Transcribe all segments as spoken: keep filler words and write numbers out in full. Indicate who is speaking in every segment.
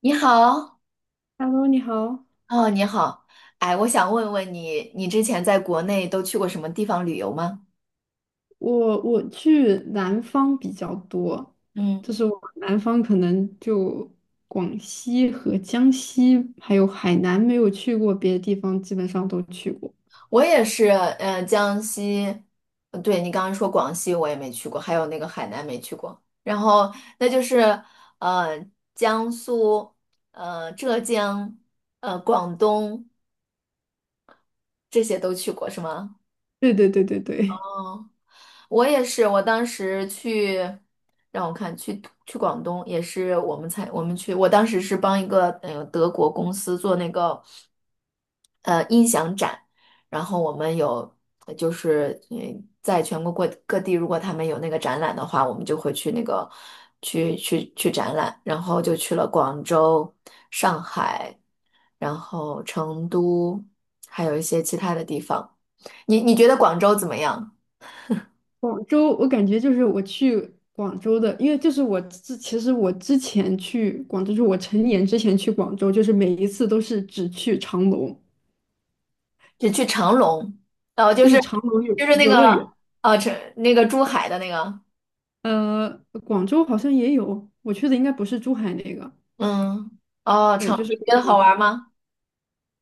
Speaker 1: 你好，
Speaker 2: Hello，你好，
Speaker 1: 哦，你好，哎，我想问问你，你之前在国内都去过什么地方旅游吗？
Speaker 2: 我我去南方比较多，
Speaker 1: 嗯，
Speaker 2: 就是我南方可能就广西和江西，还有海南没有去过，别的地方基本上都去过。
Speaker 1: 我也是，嗯，江西，呃对，你刚刚说广西我也没去过，还有那个海南没去过，然后那就是，呃，江苏，呃，浙江，呃，广东这些都去过是吗？
Speaker 2: 对对对对对，
Speaker 1: 哦。我也是，我当时去，让我看，去去广东也是我们才我们去，我当时是帮一个呃德国公司做那个呃音响展，然后我们有呃就是嗯在全国各各地，如果他们有那个展览的话，我们就会去那个去去去展览，然后就去了广州、上海，然后成都，还有一些其他的地方。你你觉得广州怎么样？
Speaker 2: 广州我感觉就是我去广州的，因为就是我之其实我之前去广州，就是我成年之前去广州，就是每一次都是只去长隆，
Speaker 1: 只去长隆，哦，就
Speaker 2: 就
Speaker 1: 是
Speaker 2: 是长隆游
Speaker 1: 就是那
Speaker 2: 游乐
Speaker 1: 个
Speaker 2: 园。
Speaker 1: 哦，成，那个珠海的那个，
Speaker 2: 呃，广州好像也有，我去的应该不是珠海那个。
Speaker 1: 嗯，哦，长，你觉得好玩吗？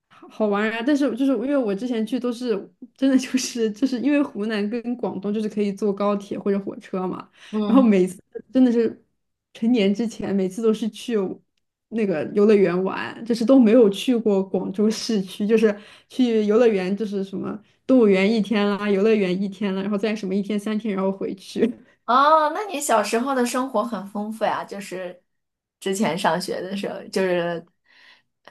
Speaker 2: 好玩啊！但是就是因为我之前去都是真的就是就是因为湖南跟广东就是可以坐高铁或者火车嘛，然后
Speaker 1: 嗯，
Speaker 2: 每次真的是成年之前每次都是去那个游乐园玩，就是都没有去过广州市区，就是去游乐园就是什么动物园一天啦，游乐园一天了，然后再什么一天三天，然后回去。
Speaker 1: 哦，那你小时候的生活很丰富呀，就是之前上学的时候，就是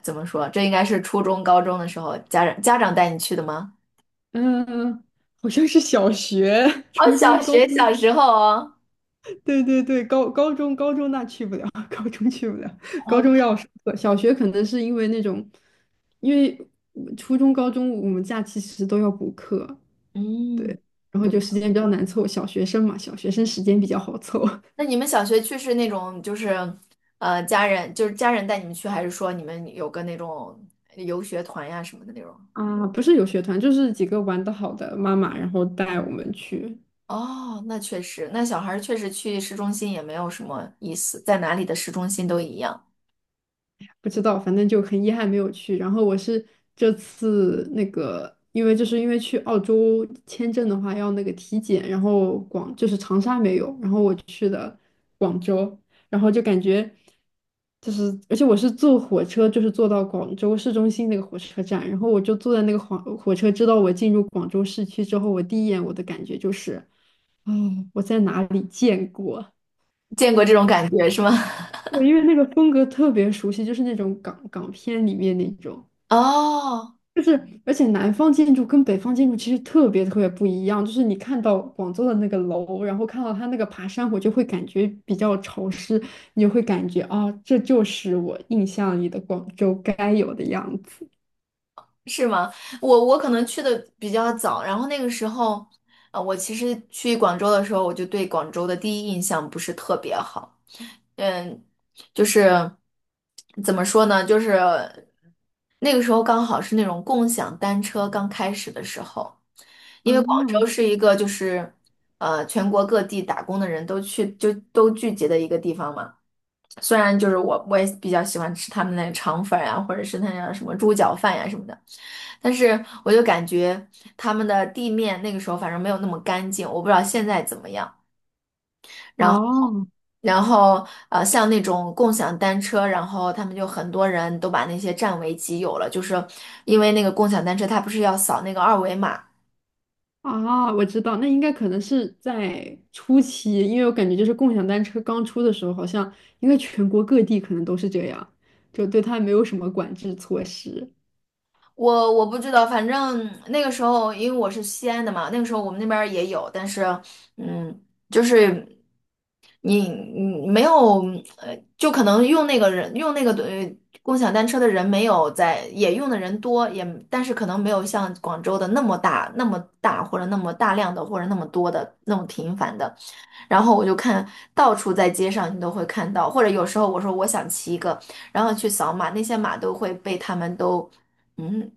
Speaker 1: 怎么说，这应该是初中、高中的时候，家长家长带你去的吗？
Speaker 2: 嗯，好像是小学、
Speaker 1: 哦，
Speaker 2: 初中、
Speaker 1: 小
Speaker 2: 高
Speaker 1: 学
Speaker 2: 中。
Speaker 1: 小时候哦，
Speaker 2: 对对对，高高中高中那去不了，高中去不了，高
Speaker 1: 哦，
Speaker 2: 中要上课，小学可能是因为那种，因为初中、高中我们假期其实都要补课，
Speaker 1: 嗯。
Speaker 2: 对，然后就时间比较难凑，小学生嘛，小学生时间比较好凑
Speaker 1: 那你们小学去是那种就是呃家人就是家人带你们去，还是说你们有个那种游学团呀什么的那种？
Speaker 2: 啊，不是有学团，就是几个玩的好的妈妈，然后带我们去，
Speaker 1: 哦，那确实，那小孩儿确实去市中心也没有什么意思，在哪里的市中心都一样，
Speaker 2: 不知道，反正就很遗憾没有去。然后我是这次那个，因为就是因为去澳洲签证的话要那个体检，然后广就是长沙没有，然后我广州，然后就感觉就是，而且我是坐火车，就是坐到广州市中心那个火车站，然后我就坐在那个火火车，知道我进入广州市区之后，我第一眼我的感觉就是，哦，我在哪里见过？
Speaker 1: 见过这种感觉是吗？
Speaker 2: 对，因为那个风格特别熟悉，就是那种港港片里面那种。
Speaker 1: 哦。
Speaker 2: 就是，而且南方建筑跟北方建筑其实特别特别不一样。就是你看到广州的那个楼，然后看到它那个爬山虎，就会感觉比较潮湿，你就会感觉啊、这就是我印象里的广州该有的样子。
Speaker 1: 是吗？我我可能去的比较早，然后那个时候，呃，我其实去广州的时候，我就对广州的第一印象不是特别好，嗯，就是怎么说呢，就是那个时候刚好是那种共享单车刚开始的时候，因为广州
Speaker 2: 啊，
Speaker 1: 是一个就是呃全国各地打工的人都去就都聚集的一个地方嘛。虽然就是我我也比较喜欢吃他们那肠粉儿呀、或者是那样什么猪脚饭呀、什么的。但是我就感觉他们的地面那个时候反正没有那么干净，我不知道现在怎么样。然后，
Speaker 2: 哦，
Speaker 1: 然后呃，像那种共享单车，然后他们就很多人都把那些占为己有了，就是因为那个共享单车它不是要扫那个二维码，
Speaker 2: 啊，我知道，那应该可能是在初期，因为我感觉就是共享单车刚出的时候，好像应该全国各地可能都是这样，就对它没有什么管制措施，
Speaker 1: 我我不知道，反正那个时候因为我是西安的嘛，那个时候我们那边儿也有，但是嗯，就是你你没有呃，就可能用那个人用那个呃共享单车的人没有在，也用的人多，也但是可能没有像广州的那么大那么大或者那么大量的或者那么多的那么频繁的。然后我就看到处在街上你都会看到，或者有时候我说我想骑一个，然后去扫码，那些码都会被他们都嗯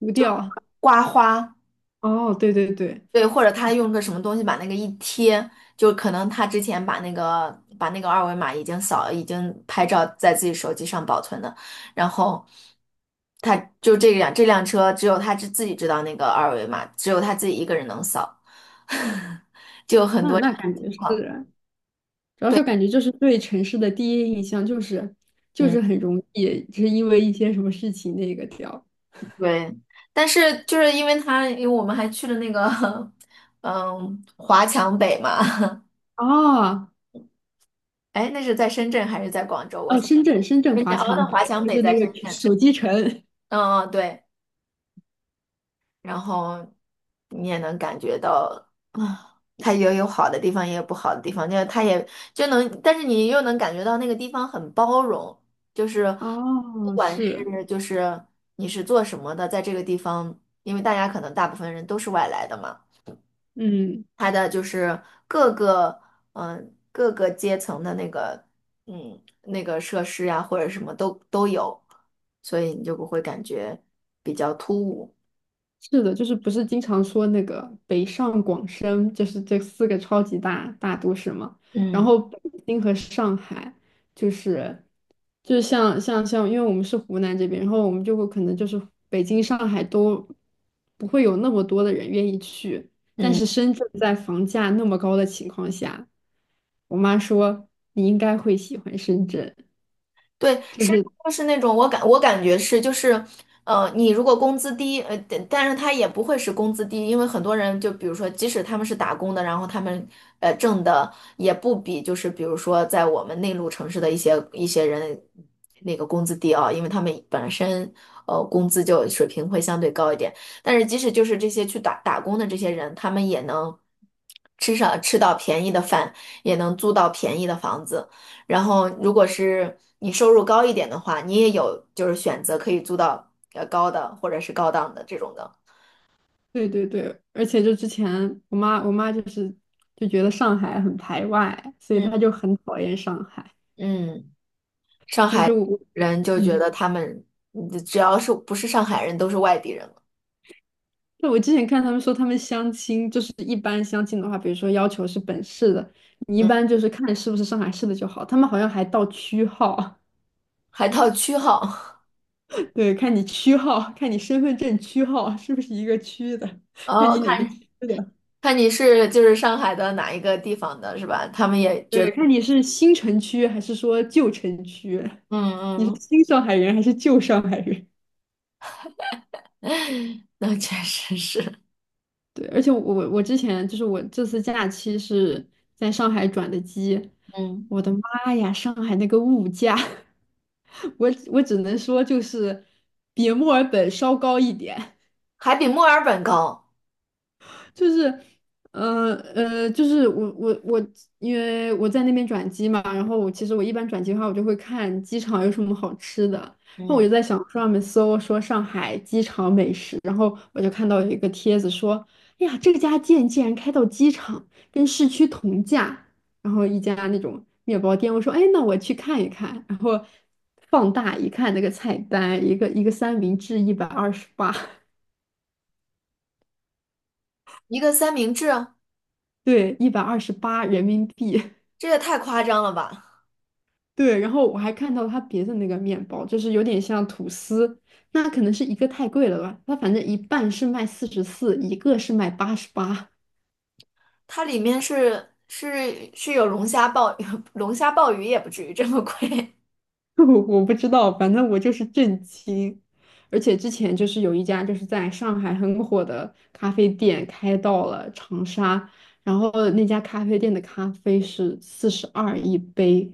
Speaker 2: 无调。
Speaker 1: 刮花，
Speaker 2: 哦，对对对。
Speaker 1: 对，或者他用个什么东西把那个一贴，就可能他之前把那个把那个二维码已经扫已经拍照在自己手机上保存的，然后。他就这辆这辆车，只有他自自己知道那个二维码，只有他自己一个人能扫，就有很
Speaker 2: 那
Speaker 1: 多这
Speaker 2: 那
Speaker 1: 样
Speaker 2: 感
Speaker 1: 的情
Speaker 2: 觉是，
Speaker 1: 况。
Speaker 2: 主要
Speaker 1: 对，
Speaker 2: 是感觉就是对城市的第一印象就是就
Speaker 1: 嗯。
Speaker 2: 是很容易，就是因为一些什么事情那个掉。
Speaker 1: 对，但是就是因为他，因为我们还去了那个，嗯，华强北嘛，
Speaker 2: 啊
Speaker 1: 哎，那是在深圳还是在广州？我
Speaker 2: 哦，
Speaker 1: 想，
Speaker 2: 深圳深圳
Speaker 1: 深
Speaker 2: 华
Speaker 1: 圳哦，那
Speaker 2: 强
Speaker 1: 华
Speaker 2: 北
Speaker 1: 强
Speaker 2: 就
Speaker 1: 北
Speaker 2: 是
Speaker 1: 在
Speaker 2: 那个
Speaker 1: 深圳，
Speaker 2: 手机城。
Speaker 1: 嗯嗯，对，然后你也能感觉到，啊，它也有好的地方，也有不好的地方，就是它也就能，但是你又能感觉到那个地方很包容，就是不
Speaker 2: 哦，
Speaker 1: 管是
Speaker 2: 是，
Speaker 1: 就是你是做什么的，在这个地方，因为大家可能大部分人都是外来的嘛。
Speaker 2: 嗯。
Speaker 1: 它的就是各个嗯、呃各个阶层的那个嗯那个设施呀、或者什么都都有，所以你就不会感觉比较突兀。
Speaker 2: 是的，就是不是经常说那个北上广深，就是这四个超级大大都市嘛。然
Speaker 1: 嗯
Speaker 2: 后北京和上海，就是就是像像像，因为我们是湖南这边，然后我们就会可能就是北京、上海都不会有那么多的人愿意去，但
Speaker 1: 嗯。
Speaker 2: 是深圳在房价那么高的情况下，我妈说你应该会喜欢深圳，
Speaker 1: 对，
Speaker 2: 就
Speaker 1: 深圳
Speaker 2: 是
Speaker 1: 就是那种我感我感觉是就是，呃，你如果工资低，呃，但但是他也不会是工资低，因为很多人就比如说，即使他们是打工的，然后他们呃挣的也不比就是比如说在我们内陆城市的一些一些人那个工资低啊，因为他们本身呃工资就水平会相对高一点，但是即使就是这些去打打工的这些人，他们也能吃上吃到便宜的饭，也能租到便宜的房子。然后，如果是你收入高一点的话，你也有就是选择可以租到呃高的或者是高档的这种的。
Speaker 2: 对对对，而且就之前我妈我妈就是就觉得上海很排外，所以
Speaker 1: 嗯，
Speaker 2: 她就很讨厌上海。
Speaker 1: 嗯，上
Speaker 2: 但
Speaker 1: 海
Speaker 2: 是我
Speaker 1: 人就觉
Speaker 2: 嗯，
Speaker 1: 得他们嗯只要是不是上海人都是外地人了。
Speaker 2: 那我之前看他们说他们相亲，就是一般相亲的话，比如说要求是本市的，你一
Speaker 1: 嗯，
Speaker 2: 般就是看是不是上海市的就好。他们好像还到区号，
Speaker 1: 还套区号，
Speaker 2: 对，看你区号，看你身份证区号是不是一个区的，看
Speaker 1: 哦，
Speaker 2: 你哪个
Speaker 1: 看，
Speaker 2: 区的，
Speaker 1: 看你是就是上海的哪一个地方的是吧？他们也觉
Speaker 2: 对，
Speaker 1: 得，
Speaker 2: 看你是新城区还是说旧城区，你是
Speaker 1: 嗯
Speaker 2: 新上海人还是旧上海人。
Speaker 1: 嗯，那确实是，
Speaker 2: 对，而且我我我之前就是我这次假期是在上海转的机，
Speaker 1: 嗯，
Speaker 2: 我的妈呀，上海那个物价，我我只能说就是比墨尔本稍高一点。
Speaker 1: 还比墨尔本高，
Speaker 2: 就是，呃呃，就是我我我，因为我在那边转机嘛，然后我其实我一般转机的话，我就会看机场有什么好吃的，然后我
Speaker 1: 嗯，
Speaker 2: 就在小红书上面搜说上海机场美食，然后我就看到有一个帖子说，哎呀，这家店竟然开到机场，跟市区同价，然后一家那种面包店，我说，哎，那我去看一看，然后放大一看那个菜单，一个一个三明治一百二十八，
Speaker 1: 一个三明治啊，
Speaker 2: 对，一百二十八人民币。
Speaker 1: 这也太夸张了吧！
Speaker 2: 对，然后我还看到它别的那个面包，就是有点像吐司，那可能是一个太贵了吧？它反正一半是卖四十四，一个是卖八十八，
Speaker 1: 它里面是是是有龙虾鲍 龙虾鲍鱼也不至于这么贵
Speaker 2: 我我不知道，反正我就是震惊。而且之前就是有一家就是在上海很火的咖啡店开到了长沙，然后那家咖啡店的咖啡是四十二一杯，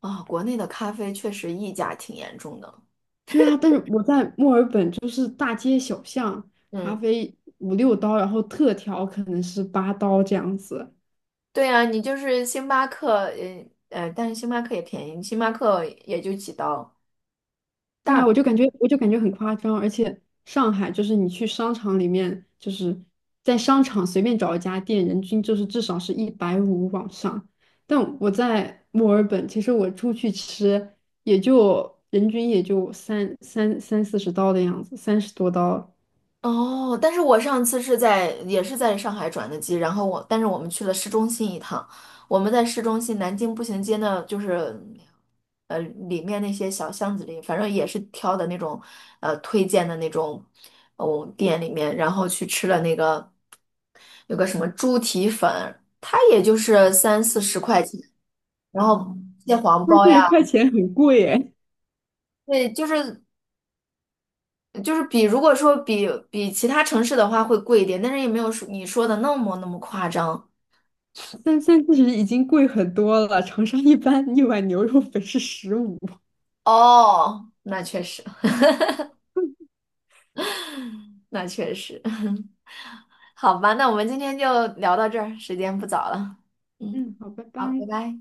Speaker 1: 啊、国内的咖啡确实溢价挺严重的。
Speaker 2: 对啊，但是我在墨尔本就是大街小巷，咖
Speaker 1: 嗯，
Speaker 2: 啡五六刀，然后特调可能是八刀这样子。
Speaker 1: 对啊，你就是星巴克，呃呃，但是星巴克也便宜，星巴克也就几刀。
Speaker 2: 对啊，我就感觉我就感觉很夸张，而且上海就是你去商场里面，就是在商场随便找一家店，人均就是至少是一百五往上。但我在墨尔本，其实我出去吃也就人均也就三三三四十刀的样子，三十多刀，
Speaker 1: 哦，但是我上次是在也是在上海转的机，然后我但是我们去了市中心一趟，我们在市中心南京步行街呢，就是呃里面那些小巷子里，反正也是挑的那种呃推荐的那种哦店里面，然后去吃了那个有个什么猪蹄粉，它也就是三四十块钱，然后蟹黄
Speaker 2: 三
Speaker 1: 包
Speaker 2: 四十
Speaker 1: 呀，
Speaker 2: 块钱很贵耶。
Speaker 1: 对，就是就是比如果说比比其他城市的话会贵一点，但是也没有说你说的那么那么夸张。
Speaker 2: 三三其实已经贵很多了，长沙一般一碗牛肉粉是十五。
Speaker 1: 哦，那确实，那确实，好吧，那我们今天就聊到这儿，时间不早了。嗯，
Speaker 2: 嗯，好，拜
Speaker 1: 好，拜
Speaker 2: 拜。
Speaker 1: 拜。